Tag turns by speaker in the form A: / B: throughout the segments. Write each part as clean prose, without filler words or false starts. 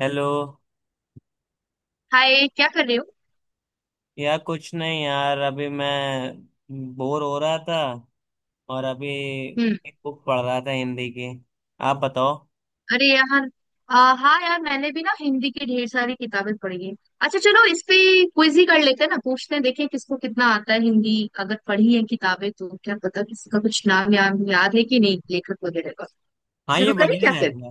A: Hello.
B: Hi, क्या कर रहे हो।
A: यार कुछ नहीं यार, अभी मैं बोर हो रहा था और अभी
B: हम्म।
A: एक बुक पढ़ रहा था हिंदी की। आप बताओ।
B: अरे यहाँ हाँ यार मैंने भी ना हिंदी की ढेर सारी किताबें पढ़ी है। अच्छा चलो इस पे क्विज ही कर लेते हैं ना, पूछते हैं देखें किसको कितना आता है हिंदी। अगर पढ़ी है किताबें तो क्या पता किसी का कुछ नाम या याद है कि नहीं, लेखक वगैरह का।
A: हाँ, ये
B: शुरू करें
A: बढ़िया
B: क्या फिर।
A: रहेगा।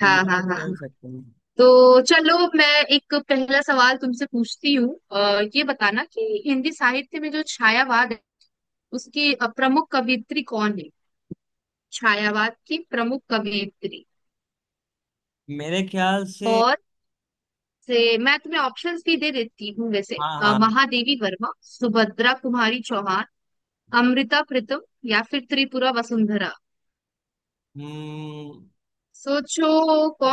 B: हाँ
A: ये
B: हाँ
A: तो
B: हाँ
A: खेल
B: हाँ।
A: सकते हैं।
B: तो चलो मैं एक पहला सवाल तुमसे पूछती हूँ। ये बताना कि हिंदी साहित्य में जो छायावाद है उसकी प्रमुख कवयित्री कौन है। छायावाद की प्रमुख कवयित्री।
A: मेरे ख्याल से
B: और से मैं तुम्हें ऑप्शंस भी दे देती हूँ वैसे।
A: हाँ। हाँ,
B: महादेवी वर्मा, सुभद्रा कुमारी चौहान, अमृता प्रीतम या फिर त्रिपुरा वसुंधरा।
A: हम्म।
B: सोचो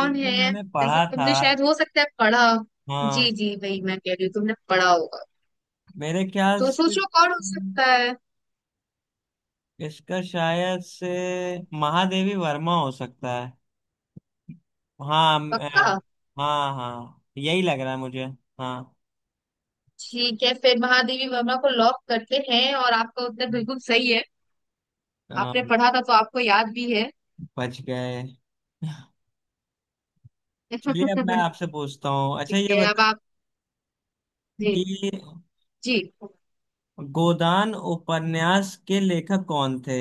A: ये तो
B: है।
A: मैंने
B: वैसे
A: पढ़ा था।
B: तुमने शायद हो सकता है पढ़ा। जी
A: हाँ,
B: जी, वही मैं कह रही हूँ, तुमने पढ़ा होगा।
A: मेरे ख्याल
B: तो
A: से
B: सोचो कौन हो सकता है।
A: इसका शायद से महादेवी वर्मा हो सकता है। हाँ।
B: पक्का।
A: हाँ हाँ, यही लग रहा है मुझे। हाँ।
B: ठीक है, फिर महादेवी वर्मा को लॉक करते हैं और आपका उत्तर बिल्कुल सही है। आपने पढ़ा था तो आपको याद भी है।
A: बच गए। चलिए, अब मैं आपसे पूछता हूँ। अच्छा,
B: ठीक
A: ये
B: है अब
A: बताइए
B: आप। जी
A: कि
B: जी।
A: गोदान उपन्यास के लेखक कौन थे।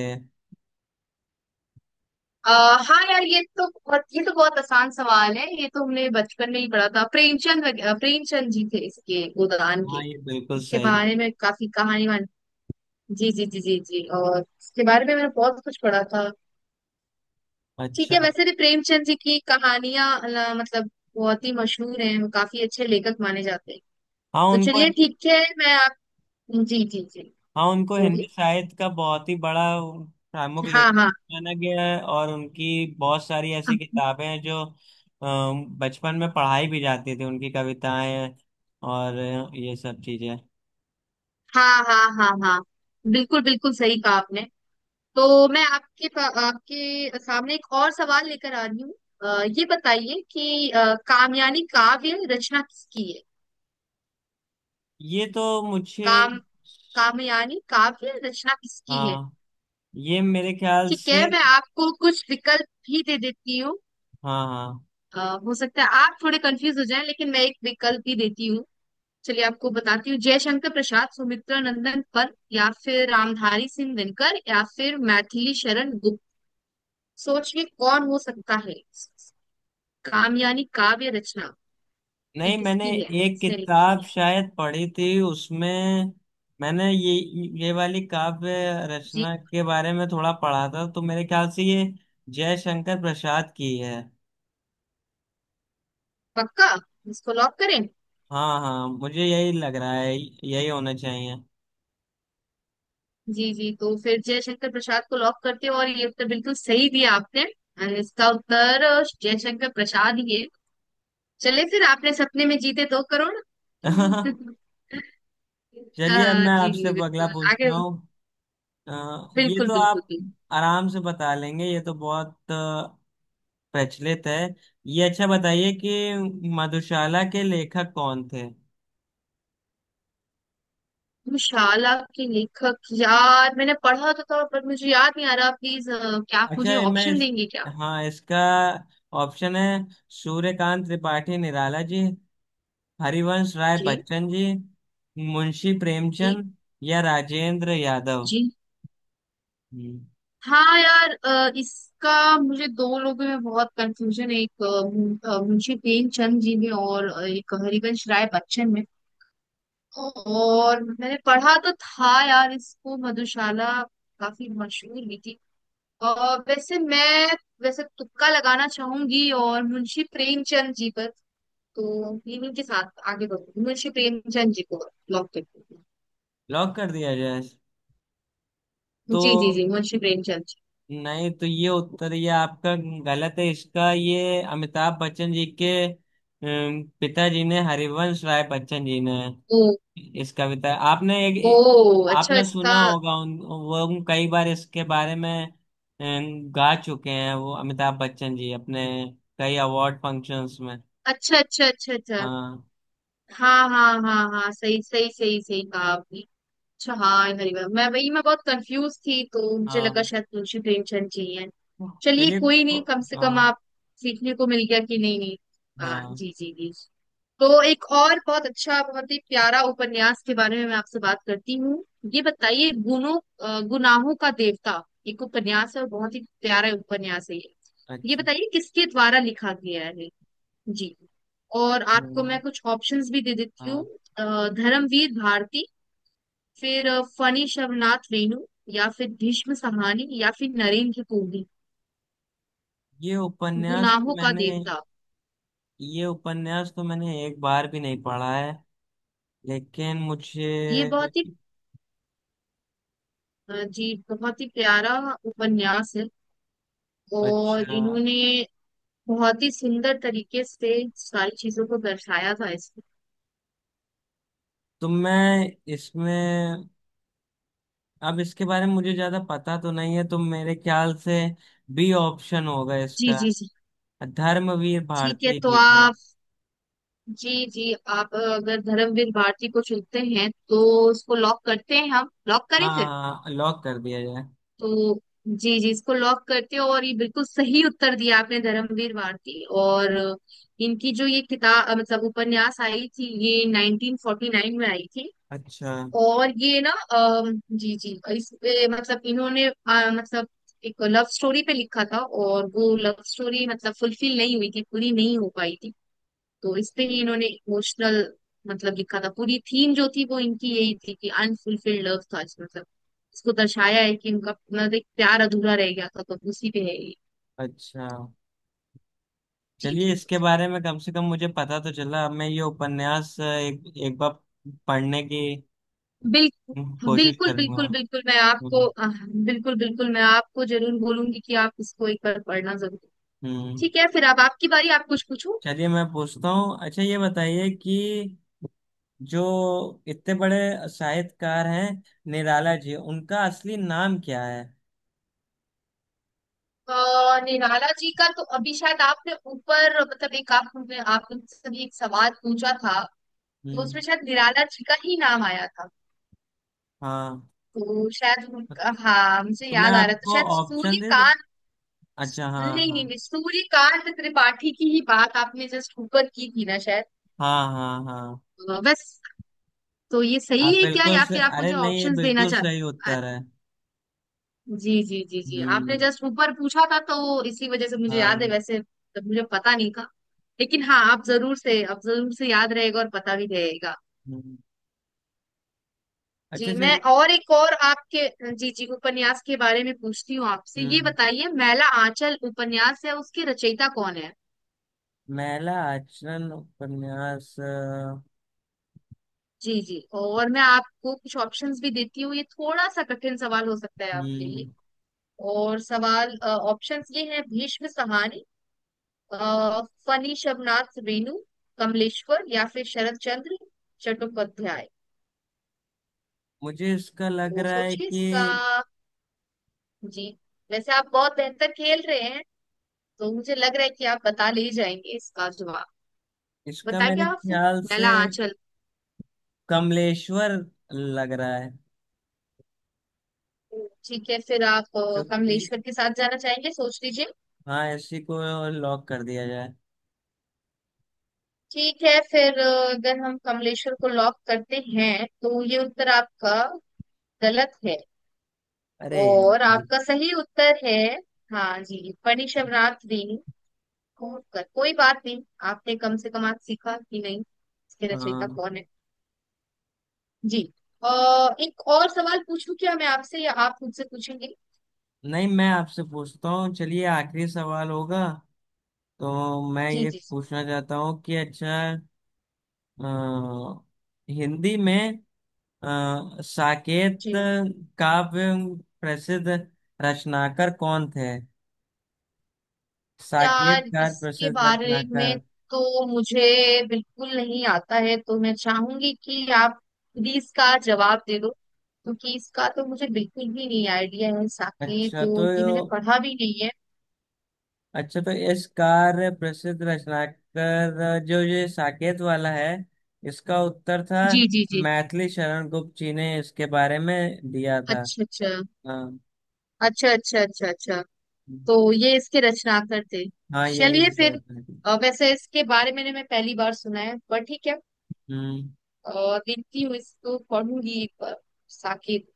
B: अ, हाँ यार ये तो बहुत, ये तो बहुत आसान सवाल है। ये तो हमने बचपन में ही पढ़ा था, प्रेमचंद जी थे इसके, गोदान के।
A: हाँ, ये बिल्कुल
B: उसके
A: सही।
B: बारे में काफी कहानी वान। जी जी जी जी जी, और इसके बारे में मैंने बहुत कुछ पढ़ा था। ठीक है,
A: अच्छा।
B: वैसे भी प्रेमचंद जी की कहानियां मतलब बहुत ही मशहूर हैं, वो काफी अच्छे लेखक माने जाते हैं।
A: हाँ,
B: तो
A: उनको,
B: चलिए ठीक है मैं आप। जी जी जी।
A: हाँ, उनको हिंदी
B: बोलिए।
A: साहित्य का बहुत ही बड़ा प्रमुख
B: हाँ
A: लेखक
B: हाँ।
A: माना गया है और उनकी बहुत सारी ऐसी
B: हाँ
A: किताबें हैं जो बचपन में पढ़ाई भी जाती थी, उनकी कविताएं और ये सब चीजें।
B: हाँ हाँ हाँ हाँ। बिल्कुल बिल्कुल सही कहा आपने। तो मैं आपके सामने एक और सवाल लेकर आ रही हूँ। ये बताइए कि कामयानी काव्य रचना किसकी है।
A: ये तो मुझे
B: काम कामयानी काव्य रचना किसकी है।
A: हाँ, ये मेरे ख्याल
B: ठीक है,
A: से,
B: मैं आपको कुछ विकल्प भी दे देती हूँ।
A: हाँ हाँ,
B: अ, हो सकता है आप थोड़े कंफ्यूज हो जाएं, लेकिन मैं एक विकल्प भी देती हूँ। चलिए आपको बताती हूँ। जयशंकर प्रसाद, सुमित्रा नंदन पन्त, या फिर रामधारी सिंह दिनकर, या फिर मैथिली शरण गुप्त। सोचिए कौन हो सकता है। कामयानी काव्य रचना ये
A: नहीं, मैंने
B: किसकी है।
A: एक
B: स्टेरिंग
A: किताब
B: की है।
A: शायद पढ़ी थी उसमें। मैंने ये वाली काव्य
B: जी।
A: रचना के बारे में थोड़ा पढ़ा था, तो मेरे ख्याल से ये जयशंकर प्रसाद की है।
B: पक्का। इसको लॉक करें।
A: हाँ हाँ, मुझे यही लग रहा है, यही होना चाहिए।
B: जी जी, तो फिर जयशंकर प्रसाद को लॉक करते हो और ये उत्तर बिल्कुल सही दिया आपने। और इसका उत्तर जयशंकर प्रसाद ही है। चले फिर आपने सपने में जीते दो करोड़।
A: चलिए, अब
B: हाँ,
A: मैं
B: जी
A: आपसे
B: जी
A: अगला
B: बिल्कुल आगे।
A: पूछता हूँ। अ, ये
B: बिल्कुल
A: तो
B: बिल्कुल
A: आप
B: बिल्कुल।
A: आराम से बता लेंगे, ये तो बहुत प्रचलित है। ये अच्छा, बताइए कि मधुशाला के लेखक कौन थे।
B: शाला के लेखक, यार मैंने पढ़ा तो था, पर मुझे याद नहीं आ रहा। प्लीज क्या आप
A: अच्छा,
B: मुझे
A: ये मैं
B: ऑप्शन
A: इस,
B: देंगे क्या।
A: हाँ, इसका ऑप्शन है सूर्यकांत त्रिपाठी निराला जी, हरिवंश राय
B: जी
A: बच्चन जी, मुंशी
B: जी
A: प्रेमचंद या राजेंद्र यादव।
B: जी।
A: हम्म,
B: हाँ यार, इसका मुझे दो लोगों में बहुत कंफ्यूजन है। एक मुंशी प्रेमचंद जी में और एक हरिवंश राय बच्चन में। और मैंने पढ़ा तो था यार इसको, मधुशाला काफी मशहूर भी थी। और वैसे तुक्का लगाना चाहूंगी और मुंशी प्रेमचंद जी पर। तो इन्हीं के साथ आगे बढ़ूंगी, मुंशी प्रेमचंद जी को लॉक करती
A: लॉक कर दिया जाए
B: हूँ। जी जी
A: तो?
B: जी मुंशी प्रेमचंद जी।
A: नहीं तो ये उत्तर, ये आपका गलत है। इसका ये अमिताभ बच्चन जी के पिताजी ने, हरिवंश राय बच्चन जी ने
B: ओ।
A: इस कविता, आपने
B: ओ।
A: एक,
B: अच्छा
A: आपने
B: इसका।
A: सुना होगा उन, वो हम कई बार इसके बारे में गा चुके हैं, वो अमिताभ बच्चन जी अपने कई अवार्ड फंक्शंस में।
B: अच्छा अच्छा अच्छा अच्छा।
A: हाँ
B: हाँ हाँ हाँ हाँ सही सही सही सही कहा आपने। अच्छा हाँ, हरिवर, मैं बहुत कंफ्यूज थी तो मुझे लगा
A: हाँ।
B: शायद तुलसी प्रेमचंद जी हैं। चलिए
A: चलिए
B: कोई नहीं, कम से कम
A: हाँ।
B: आप सीखने को मिल गया कि नहीं नहीं। हाँ
A: हाँ
B: जी जी जी। तो एक और बहुत अच्छा, बहुत ही प्यारा उपन्यास के बारे में मैं आपसे बात करती हूँ। ये बताइए गुनाहों का देवता एक उपन्यास है और बहुत ही प्यारा उपन्यास है ये। ये
A: अच्छा।
B: बताइए किसके द्वारा लिखा गया है। जी। और आपको मैं
A: हाँ
B: कुछ ऑप्शंस भी दे देती हूँ।
A: हाँ।
B: धर्मवीर भारती, फिर फणी शवनाथ रेणु, या फिर भीष्म सहानी, या फिर नरेंद्र कोहली।
A: ये उपन्यास तो
B: गुनाहों का
A: मैंने,
B: देवता
A: ये उपन्यास तो मैंने एक बार भी नहीं पढ़ा है, लेकिन मुझे
B: ये बहुत ही जी बहुत ही प्यारा उपन्यास है। और
A: अच्छा,
B: इन्होंने बहुत ही सुंदर तरीके से सारी चीजों को दर्शाया था इसमें।
A: तो मैं इसमें, अब इसके बारे में मुझे ज्यादा पता तो नहीं है, तो मेरे ख्याल से बी ऑप्शन होगा
B: जी
A: इसका,
B: जी जी।
A: धर्मवीर
B: ठीक है
A: भारती
B: तो
A: जी का।
B: आप। जी जी, आप अगर धर्मवीर भारती को चुनते हैं तो उसको लॉक करते हैं, हम लॉक
A: हाँ
B: करें फिर।
A: हाँ, लॉक कर दिया जाए।
B: तो जी जी, इसको लॉक करते हो और ये बिल्कुल सही उत्तर दिया आपने, धर्मवीर भारती। और इनकी जो ये किताब मतलब उपन्यास आई थी ये 1949 में आई थी।
A: अच्छा
B: और ये ना जी जी, इस पे मतलब इन्होंने मतलब एक लव स्टोरी पे लिखा था। और वो लव स्टोरी मतलब फुलफिल नहीं हुई थी, पूरी नहीं हो पाई थी। तो इसलिए ही इन्होंने इमोशनल मतलब लिखा था। पूरी थीम जो थी वो इनकी यही थी कि अनफुलफिल्ड लव था इसमें, मतलब इसको दर्शाया है कि उनका मतलब एक प्यार अधूरा रह गया था तो उसी पे है ये।
A: अच्छा।
B: जी
A: चलिए,
B: जी।
A: इसके बारे में कम से कम मुझे पता तो चला। अब मैं ये उपन्यास एक एक बार पढ़ने की
B: बिल,
A: कोशिश
B: बिल्कुल
A: करूंगा।
B: बिल्कुल बिल्कुल मैं आपको
A: हम्म।
B: बिल्कुल बिल्कुल मैं आपको जरूर बोलूंगी कि आप इसको एक बार पढ़ना जरूर।
A: हम्म।
B: ठीक है फिर अब आपकी बारी, आप कुछ पूछो।
A: चलिए, मैं पूछता हूँ। अच्छा, ये बताइए कि जो इतने बड़े साहित्यकार हैं निराला जी, उनका असली नाम क्या है।
B: अ, निराला जी का तो अभी शायद आपने ऊपर मतलब एक आप आपने आपने सभी एक सवाल पूछा था, तो
A: हम्म।
B: उसमें शायद निराला जी का ही नाम आया था।
A: हाँ,
B: तो शायद हाँ मुझे
A: तो मैं
B: याद आ रहा है, तो
A: आपको
B: शायद
A: ऑप्शन दे दूं?
B: सूर्यकांत।
A: अच्छा
B: नहीं
A: हाँ हाँ
B: नहीं नहीं, सूर्यकांत त्रिपाठी की ही बात आपने जस्ट ऊपर की थी ना शायद।
A: हाँ हाँ हाँ,
B: बस। तो ये सही
A: आप
B: है क्या,
A: बिल्कुल
B: या
A: से,
B: फिर आप
A: अरे
B: मुझे
A: नहीं, ये
B: ऑप्शंस देना
A: बिल्कुल सही
B: चाहते
A: उत्तर है।
B: जी जी जी जी
A: हम्म।
B: आपने जस्ट ऊपर पूछा था तो इसी वजह से मुझे याद है
A: हाँ।
B: वैसे। तब मुझे पता नहीं था, लेकिन हाँ आप जरूर से, आप जरूर से याद रहेगा और पता भी रहेगा।
A: हम्म, अच्छा
B: जी मैं
A: चलिए।
B: और एक और आपके, जी जी, उपन्यास के बारे में पूछती हूँ आपसे। ये
A: हम्म।
B: बताइए मैला आंचल उपन्यास है, उसके रचयिता कौन है।
A: महिला आचरण उपन्यास
B: जी जी, और मैं आपको कुछ ऑप्शंस भी देती हूँ। ये थोड़ा सा कठिन सवाल हो सकता है आपके
A: हम्म,
B: लिए। और सवाल ऑप्शंस ये हैं, भीष्म सहानी, अ, फनी शबनाथ रेणु, कमलेश्वर, या फिर शरद चंद्र चट्टोपाध्याय।
A: मुझे इसका लग
B: तो
A: रहा है
B: सोचिए
A: कि
B: इसका। जी। वैसे आप बहुत बेहतर खेल रहे हैं, तो मुझे लग रहा है कि आप बता ले जाएंगे इसका जवाब।
A: इसका
B: बता
A: मेरे
B: दिया आपसे,
A: ख्याल से
B: नला आंचल।
A: कमलेश्वर लग रहा है,
B: ठीक है फिर, आप
A: क्योंकि
B: कमलेश्वर के साथ जाना चाहेंगे, सोच लीजिए।
A: हाँ, इसी को लॉक कर दिया जाए।
B: ठीक है फिर अगर हम कमलेश्वर को लॉक करते हैं तो ये उत्तर आपका गलत है।
A: अरे।
B: और आपका सही उत्तर है, हाँ जी, फणिशवरात्रि कोटकर। कोई बात नहीं, आपने कम से कम आज सीखा कि नहीं इसके रचयिता
A: हाँ
B: कौन है। जी। अ, एक और सवाल पूछूं क्या मैं आपसे, या आप मुझसे पूछेंगे।
A: नहीं, मैं आपसे पूछता हूँ। चलिए, आखिरी सवाल होगा तो मैं
B: जी
A: ये
B: जी
A: पूछना चाहता हूँ कि अच्छा अ, हिंदी में साकेत
B: जी। हाँ
A: काव्य प्रसिद्ध रचनाकार कौन थे। साकेत
B: यार,
A: कार
B: इसके
A: प्रसिद्ध
B: बारे में
A: रचनाकार।
B: तो मुझे बिल्कुल नहीं आता है। तो मैं चाहूंगी कि आप प्लीज इसका जवाब दे दो, क्योंकि इसका तो मुझे बिल्कुल भी नहीं आइडिया है। साके
A: अच्छा तो
B: तो ये
A: यो-
B: मैंने पढ़ा भी नहीं है।
A: अच्छा तो इस कार्य प्रसिद्ध रचनाकार, जो ये साकेत वाला है, इसका उत्तर था
B: जी जी जी।
A: मैथिली शरण गुप्त जी ने इसके बारे में दिया था।
B: अच्छा अच्छा।
A: हाँ,
B: अच्छा अच्छा अच्छा अच्छा। तो ये इसके रचनाकार थे।
A: हाँ यही
B: चलिए
A: मुझे
B: फिर
A: लगता है।
B: वैसे इसके बारे में मैं पहली बार सुना है, पर ठीक है।
A: हम्म।
B: देखती हूँ, इसको पढ़ूंगी एक बार, साकेत।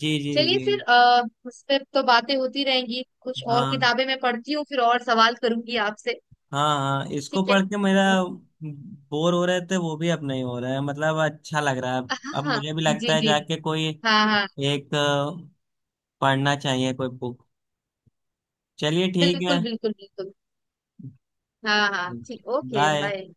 A: जी जी
B: चलिए
A: जी।
B: फिर उस पे तो बातें होती रहेंगी, कुछ और
A: हाँ
B: किताबें मैं पढ़ती हूँ फिर और सवाल करूंगी आपसे।
A: हाँ हाँ, इसको
B: ठीक है।
A: पढ़ के मेरा बोर हो रहे थे वो भी अब नहीं हो रहा है, मतलब अच्छा लग रहा है।
B: हाँ
A: अब
B: हाँ
A: मुझे भी लगता
B: जी
A: है
B: जी।
A: जाके कोई
B: हाँ हाँ
A: एक पढ़ना चाहिए कोई बुक। चलिए, ठीक है।
B: बिल्कुल बिल्कुल बिल्कुल। हाँ हाँ ठीक, ओके
A: बाय।
B: बाय।